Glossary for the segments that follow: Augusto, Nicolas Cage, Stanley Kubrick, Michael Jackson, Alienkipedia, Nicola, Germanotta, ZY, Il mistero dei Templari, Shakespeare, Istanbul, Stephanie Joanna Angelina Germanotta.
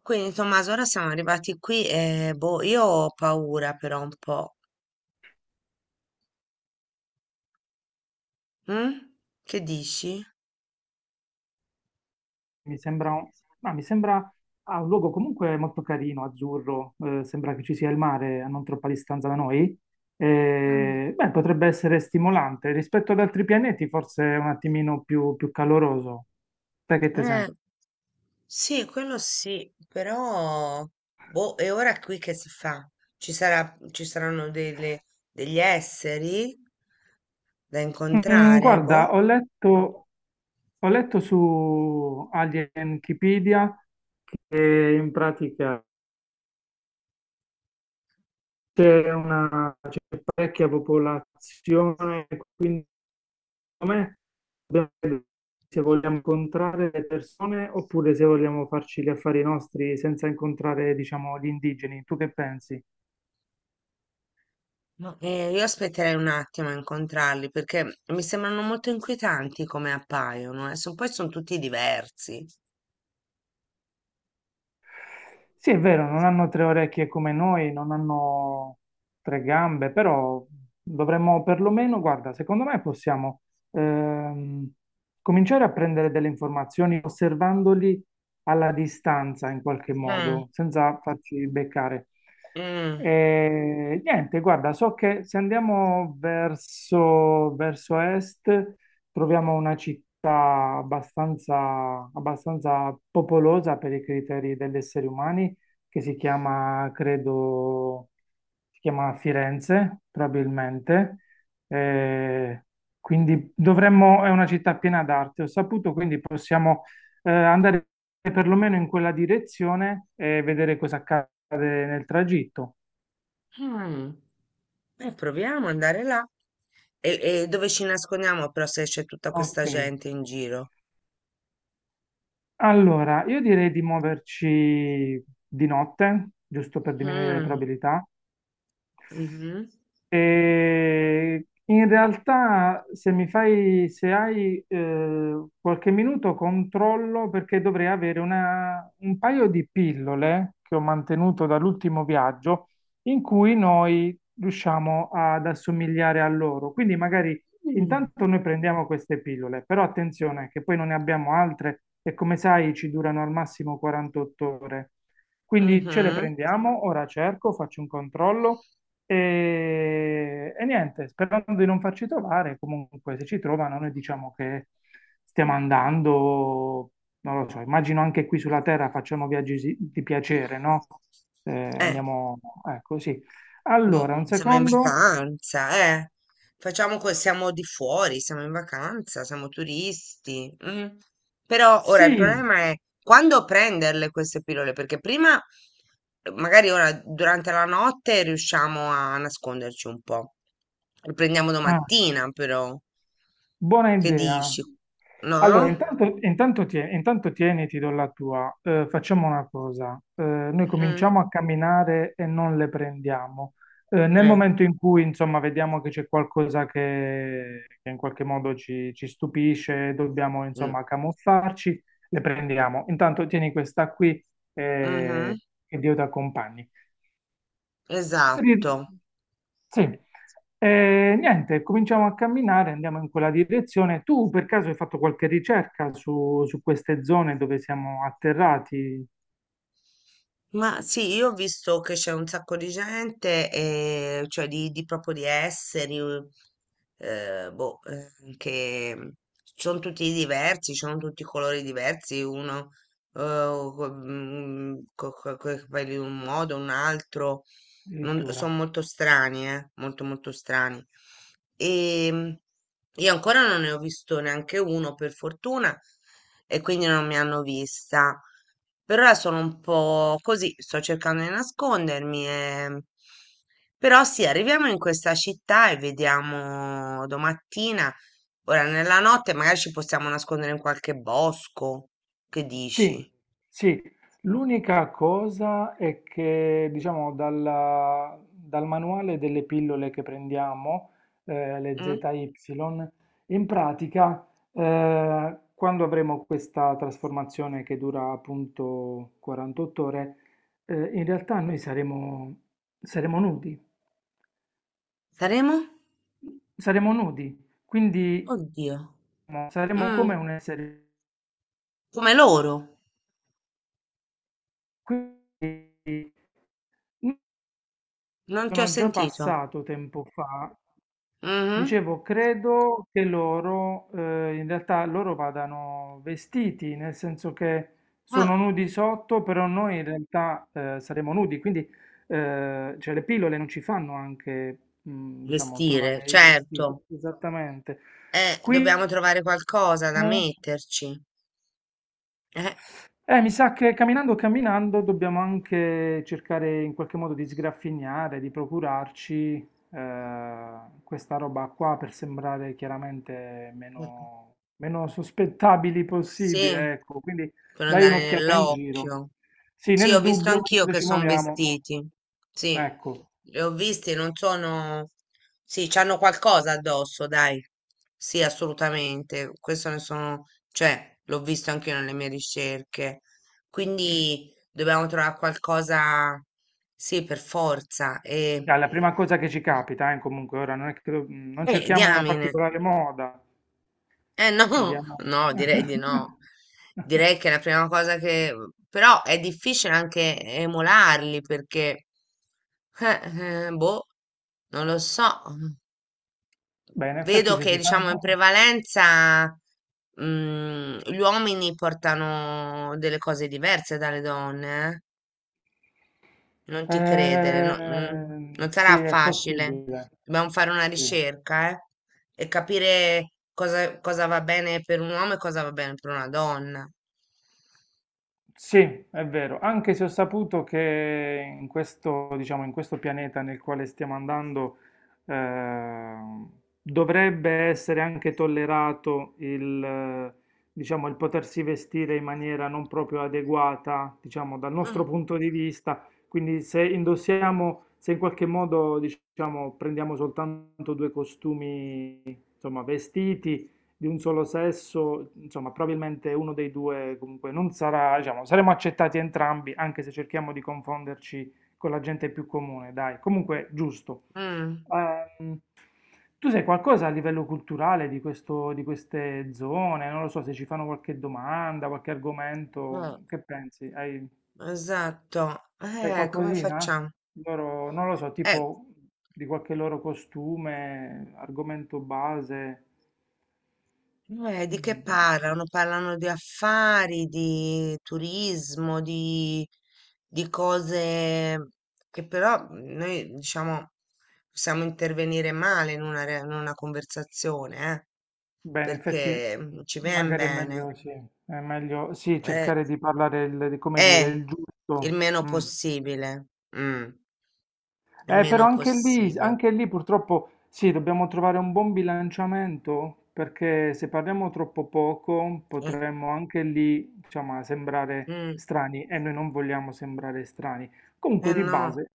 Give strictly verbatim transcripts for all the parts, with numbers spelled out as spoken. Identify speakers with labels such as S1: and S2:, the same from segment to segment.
S1: Quindi Tommaso, ora siamo arrivati qui e boh, io ho paura però un po'. Mm? Che dici?
S2: Mi sembra, un- ma mi sembra ah, un luogo comunque molto carino, azzurro, eh, sembra che ci sia il mare a non troppa distanza da noi.
S1: Mm.
S2: Eh, beh, potrebbe essere stimolante. Rispetto ad altri pianeti, forse è un attimino più, più caloroso. Sai che te
S1: Eh,
S2: sembra?
S1: sì, quello sì, però boh, e ora qui che si fa? Ci sarà, ci saranno delle- degli esseri da
S2: Mm,
S1: incontrare,
S2: guarda,
S1: boh?
S2: ho letto, ho letto su Alienkipedia e in pratica c'è una c'è parecchia popolazione, quindi me dobbiamo se vogliamo incontrare le persone oppure se vogliamo farci gli affari nostri senza incontrare, diciamo, gli indigeni. Tu che pensi?
S1: No. Eh, io aspetterei un attimo a incontrarli perché mi sembrano molto inquietanti come appaiono, eh. Son- poi sono tutti diversi.
S2: Sì, è vero, non hanno tre orecchie come noi, non hanno tre gambe, però dovremmo perlomeno, guarda, secondo me possiamo ehm, cominciare a prendere delle informazioni osservandoli alla distanza in qualche
S1: Mm,
S2: modo, senza farci beccare.
S1: mm,
S2: E, niente, guarda, so che se andiamo verso, verso est troviamo una città abbastanza, abbastanza popolosa per i criteri degli esseri umani, che si chiama, credo, si chiama Firenze, probabilmente. Eh, quindi dovremmo, è una città piena d'arte, ho saputo, quindi possiamo eh, andare perlomeno in quella direzione e vedere cosa accade nel tragitto.
S1: mm. Eh, proviamo ad andare là. E, e dove ci nascondiamo però se c'è tutta
S2: Ok.
S1: questa gente in giro?
S2: Allora, io direi di muoverci di notte, giusto per diminuire le
S1: Mm,
S2: probabilità.
S1: mhm,
S2: E in realtà, se mi fai, se hai eh, qualche minuto, controllo perché dovrei avere una- un paio di pillole che ho mantenuto dall'ultimo viaggio in cui noi riusciamo ad assomigliare a loro. Quindi magari
S1: mm,
S2: intanto noi prendiamo queste pillole, però attenzione che poi non ne abbiamo altre e come sai ci durano al massimo quarantotto ore. Quindi ce le
S1: mhm.
S2: prendiamo, ora cerco, faccio un controllo. E, e niente, sperando di non farci trovare, comunque se ci trovano noi diciamo che stiamo andando, non lo so, immagino anche qui sulla Terra facciamo viaggi si- di piacere, no? Eh,
S1: Eh.
S2: andiamo, ecco, sì. Allora,
S1: Boh,
S2: un
S1: siamo in
S2: secondo.
S1: vacanza, eh. Facciamo que- siamo di fuori, siamo in vacanza, siamo turisti. Mm. Però ora il
S2: Sì,
S1: problema è quando prenderle queste pillole, perché prima, eh, magari ora durante la notte riusciamo a nasconderci un po'. Le prendiamo
S2: ah.
S1: domattina, però.
S2: Buona
S1: Che
S2: idea.
S1: dici? No?
S2: Allora, intanto, intanto, tie- intanto tieni, ti do la tua. Eh, facciamo una cosa. Eh, noi
S1: Mm,
S2: cominciamo a camminare e non le prendiamo. Eh, nel
S1: eh,
S2: momento in cui, insomma, vediamo che c'è qualcosa che, che in qualche modo ci, ci stupisce, dobbiamo,
S1: mm,
S2: insomma, camuffarci, le prendiamo. Intanto tieni questa qui
S1: mhm,
S2: eh, e che Dio ti accompagni.
S1: esatto.
S2: Sì. E niente, cominciamo a camminare, andiamo in quella direzione. Tu per caso hai fatto qualche ricerca su, su queste zone dove siamo atterrati
S1: Ma sì, io ho visto che c'è un sacco di gente, eh, cioè di, di proprio di esseri, eh, eh, boh, eh, che sono tutti diversi, sono tutti colori diversi, uno con i capelli in un modo, un altro, non- sono
S2: addirittura?
S1: molto strani, eh, molto molto strani. E io ancora non ne ho visto neanche uno, per fortuna, e quindi non mi hanno vista. Per ora sono un po' così, sto cercando di nascondermi. e- Però sì, arriviamo in questa città e vediamo domattina. Ora, nella notte magari ci possiamo nascondere in qualche bosco. Che
S2: Sì,
S1: dici?
S2: sì, l'unica cosa è che, diciamo, dalla- dal manuale delle pillole che prendiamo, eh, le
S1: Mm?
S2: Z Y, in pratica, eh, quando avremo questa trasformazione che dura appunto quarantotto ore, eh, in realtà noi saremo, saremo nudi,
S1: Saremo?
S2: saremo nudi, quindi
S1: Oddio.
S2: eh, saremo come
S1: Mm,
S2: un essere.
S1: come loro. Non ti ho
S2: Sono già
S1: sentito.
S2: passato tempo fa.
S1: Mhm.
S2: Dicevo, credo che loro, eh, in realtà loro vadano vestiti, nel senso che
S1: Ah.
S2: sono nudi sotto, però noi in realtà eh, saremo nudi, quindi eh, cioè le pillole non ci fanno anche, mm, diciamo,
S1: Vestire,
S2: trovare i vestiti.
S1: certo.
S2: Esattamente.
S1: Eh,
S2: Qui
S1: dobbiamo trovare qualcosa da metterci. Eh,
S2: eh, mi sa che camminando camminando dobbiamo anche cercare in qualche modo di sgraffignare, di procurarci eh, questa roba qua per sembrare chiaramente
S1: mm,
S2: meno, meno sospettabili
S1: sì,
S2: possibile, ecco. Quindi
S1: per non
S2: dai
S1: dare
S2: un'occhiata in giro.
S1: nell'occhio.
S2: Sì,
S1: Sì, ho
S2: nel
S1: visto
S2: dubbio,
S1: anch'io
S2: mentre
S1: che
S2: ci
S1: sono
S2: muoviamo,
S1: vestiti. Sì,
S2: ecco,
S1: li ho visti, non sono. Sì, c'hanno qualcosa addosso, dai. Sì, assolutamente. Questo ne sono. Cioè, l'ho visto anch'io nelle mie ricerche. Quindi dobbiamo trovare qualcosa. Sì, per forza. E.
S2: è la prima cosa che ci capita, eh, comunque ora non è che do- non
S1: Eh,
S2: cerchiamo una
S1: diamine.
S2: particolare moda.
S1: Eh no,
S2: Vediamo.
S1: no, direi di no. Direi che la prima cosa che. Però è difficile anche emularli perché. Eh, eh, boh, non lo so.
S2: Beh, in effetti
S1: Vedo
S2: se
S1: che,
S2: ci
S1: diciamo, in
S2: fanno...
S1: prevalenza, mm, gli uomini portano delle cose diverse dalle donne, eh. Non ti credere, no- mm,
S2: Ehm,
S1: non
S2: sì,
S1: sarà
S2: è
S1: facile.
S2: possibile.
S1: Dobbiamo fare una
S2: Sì.
S1: ricerca, eh, e capire cosa, cosa, va bene per un uomo e cosa va bene per una donna.
S2: Sì, è vero, anche se ho saputo che in questo, diciamo, in questo pianeta nel quale stiamo andando ehm, dovrebbe essere anche tollerato il, eh, diciamo, il potersi vestire in maniera non proprio adeguata, diciamo, dal nostro
S1: Mm,
S2: punto di vista. Quindi se indossiamo, se in qualche modo, diciamo, prendiamo soltanto due costumi, insomma, vestiti, di un solo sesso, insomma, probabilmente uno dei due comunque non sarà, diciamo, saremo accettati entrambi, anche se cerchiamo di confonderci con la gente più comune, dai, comunque giusto.
S1: mm,
S2: Ehm, tu sai qualcosa a livello culturale di questo, di queste zone? Non lo so se ci fanno qualche domanda, qualche argomento,
S1: eh,
S2: che pensi? Hai,
S1: esatto.
S2: sai
S1: Eh, come
S2: qualcosina?
S1: facciamo?
S2: Loro, non lo so,
S1: Eh,
S2: tipo di qualche loro costume, argomento base.
S1: Eh, di che
S2: Mm.
S1: parlano? Parlano di affari, di turismo, di, di cose che però mhmm, noi, diciamo, possiamo intervenire male in una, re- in una conversazione, eh,
S2: Beh, in effetti
S1: perché non ci viene
S2: magari è
S1: bene.
S2: meglio, sì, è meglio, sì,
S1: Eh,
S2: cercare di parlare il, di come dire,
S1: eh,
S2: il
S1: il
S2: giusto.
S1: meno
S2: Mm.
S1: possibile. Mm, il
S2: Eh,
S1: meno
S2: però anche lì,
S1: possibile.
S2: anche lì purtroppo sì, dobbiamo trovare un buon bilanciamento perché se parliamo troppo poco
S1: Eh,
S2: potremmo anche lì, insomma, sembrare
S1: mm,
S2: strani e noi non vogliamo sembrare strani. Comunque
S1: eh
S2: di
S1: no,
S2: base,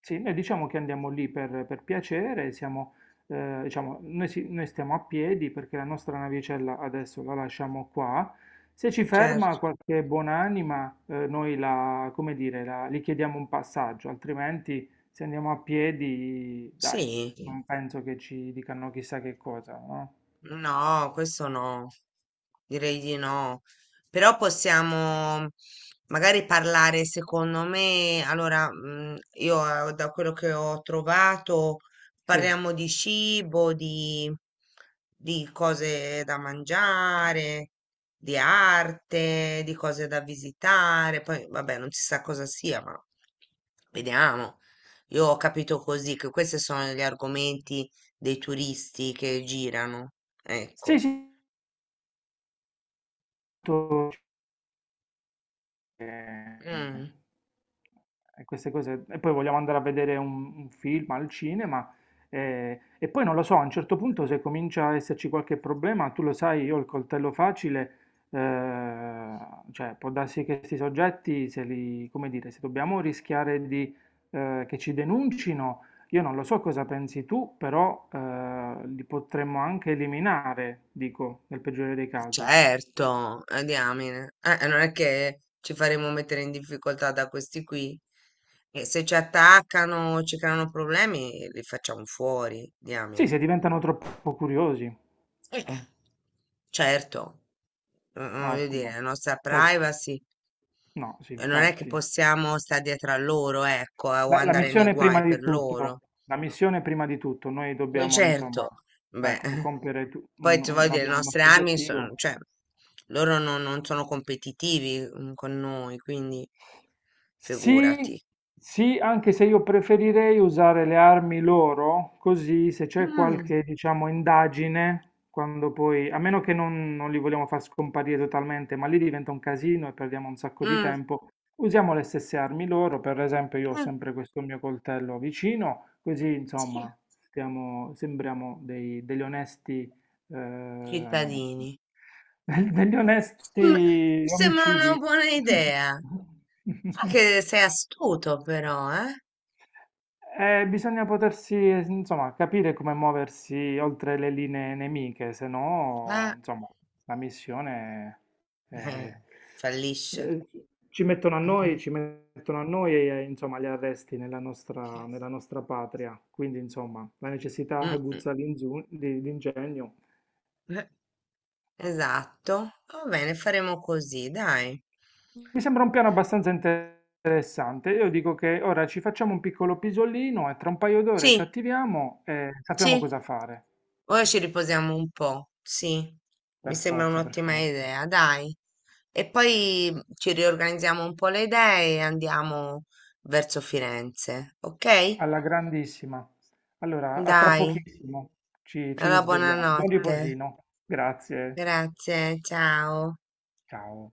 S2: sì, noi diciamo che andiamo lì per, per piacere, siamo, eh, diciamo, noi, si- noi stiamo a piedi perché la nostra navicella adesso la lasciamo qua. Se ci
S1: certo.
S2: ferma qualche buonanima, eh, noi la, come dire, la- gli chiediamo un passaggio, altrimenti... Se andiamo a piedi, dai,
S1: Sì.
S2: non penso che ci dicano chissà che cosa, no?
S1: No, questo no, direi di no. Però possiamo magari parlare, secondo me, allora, mm, io eh, da quello che ho trovato,
S2: Sì,
S1: parliamo di cibo, di, di cose da mangiare, di arte, di cose da visitare. Poi, vabbè, non si sa cosa sia, ma vediamo. Io ho capito così che questi sono gli argomenti dei turisti che girano.
S2: sì,
S1: Ecco,
S2: sì, tutto e
S1: mm,
S2: e queste cose. E poi vogliamo andare a vedere un, un film al cinema. eh, E, poi non lo so, a un certo punto se comincia a esserci qualche problema, tu lo sai, io ho il coltello facile, eh, cioè può darsi che questi soggetti, se li, come dire, se dobbiamo rischiare di, eh, che ci denuncino, io non lo so cosa pensi tu, però eh, li potremmo anche eliminare, dico, nel peggiore dei casi.
S1: certo, a diamine. Eh, non è che ci faremo mettere in difficoltà da questi qui. E se ci attaccano, ci creano problemi, li facciamo fuori,
S2: Sì, se
S1: diamine.
S2: diventano troppo curiosi.
S1: Eh, Certo, eh, voglio dire,
S2: Ottimo.
S1: la nostra
S2: Cioè,
S1: privacy.
S2: no, sì,
S1: eh, Non è che
S2: infatti.
S1: possiamo stare dietro a loro, ecco, eh, o
S2: Beh, la
S1: andare nei
S2: missione prima
S1: guai per
S2: di tutto,
S1: loro.
S2: la missione prima di tutto, noi
S1: Eh,
S2: dobbiamo, insomma,
S1: Certo, beh,
S2: ecco, compiere tu-
S1: poi
S2: un-
S1: ti voglio
S2: un-
S1: dire, le
S2: abbiamo il
S1: nostre
S2: nostro
S1: armi sono,
S2: obiettivo.
S1: cioè, loro non, non sono competitivi mm, con noi, quindi
S2: Sì,
S1: figurati.
S2: sì, anche se io preferirei usare le armi loro, così se c'è
S1: Mm,
S2: qualche, diciamo, indagine, quando poi, a meno che non, non li vogliamo far scomparire totalmente, ma lì diventa un casino e perdiamo un sacco di
S1: mm,
S2: tempo, usiamo le stesse armi loro, per esempio io ho
S1: mm,
S2: sempre questo mio coltello vicino, così
S1: sì.
S2: insomma stiamo, sembriamo dei- degli onesti eh,
S1: Cittadini.
S2: del- degli
S1: Sem-
S2: onesti
S1: Sembra una
S2: omicidi.
S1: buona idea. Fa che sei astuto però, eh?
S2: Eh, bisogna potersi, eh, insomma, capire come muoversi oltre le linee nemiche, se
S1: Ah,
S2: no, insomma, la missione
S1: eh,
S2: eh,
S1: fallisce.
S2: eh, ci mettono a noi,
S1: Mm,
S2: ci mettono a noi e, eh, insomma, gli arresti nella nostra, nella nostra patria. Quindi, insomma, la necessità
S1: mm, mm,
S2: aguzza l'inzu- di- l'ingegno.
S1: eh, esatto. Va bene, faremo così, dai.
S2: Mi sembra un piano abbastanza interessante. Io dico che ora ci facciamo un piccolo pisolino e tra un paio d'ore ci
S1: Sì,
S2: attiviamo e sappiamo
S1: sì,
S2: cosa fare.
S1: ora ci riposiamo un po', sì, mi
S2: Per
S1: sembra
S2: forza, per
S1: un'ottima
S2: forza.
S1: idea, dai. E poi mhmm, ci riorganizziamo un po' le idee e andiamo verso Firenze, ok?
S2: Alla grandissima. Allora, a tra
S1: Dai,
S2: pochissimo ci, ci
S1: allora
S2: risvegliamo. Buon
S1: buonanotte.
S2: riposino. Grazie.
S1: Grazie, ciao.
S2: Ciao.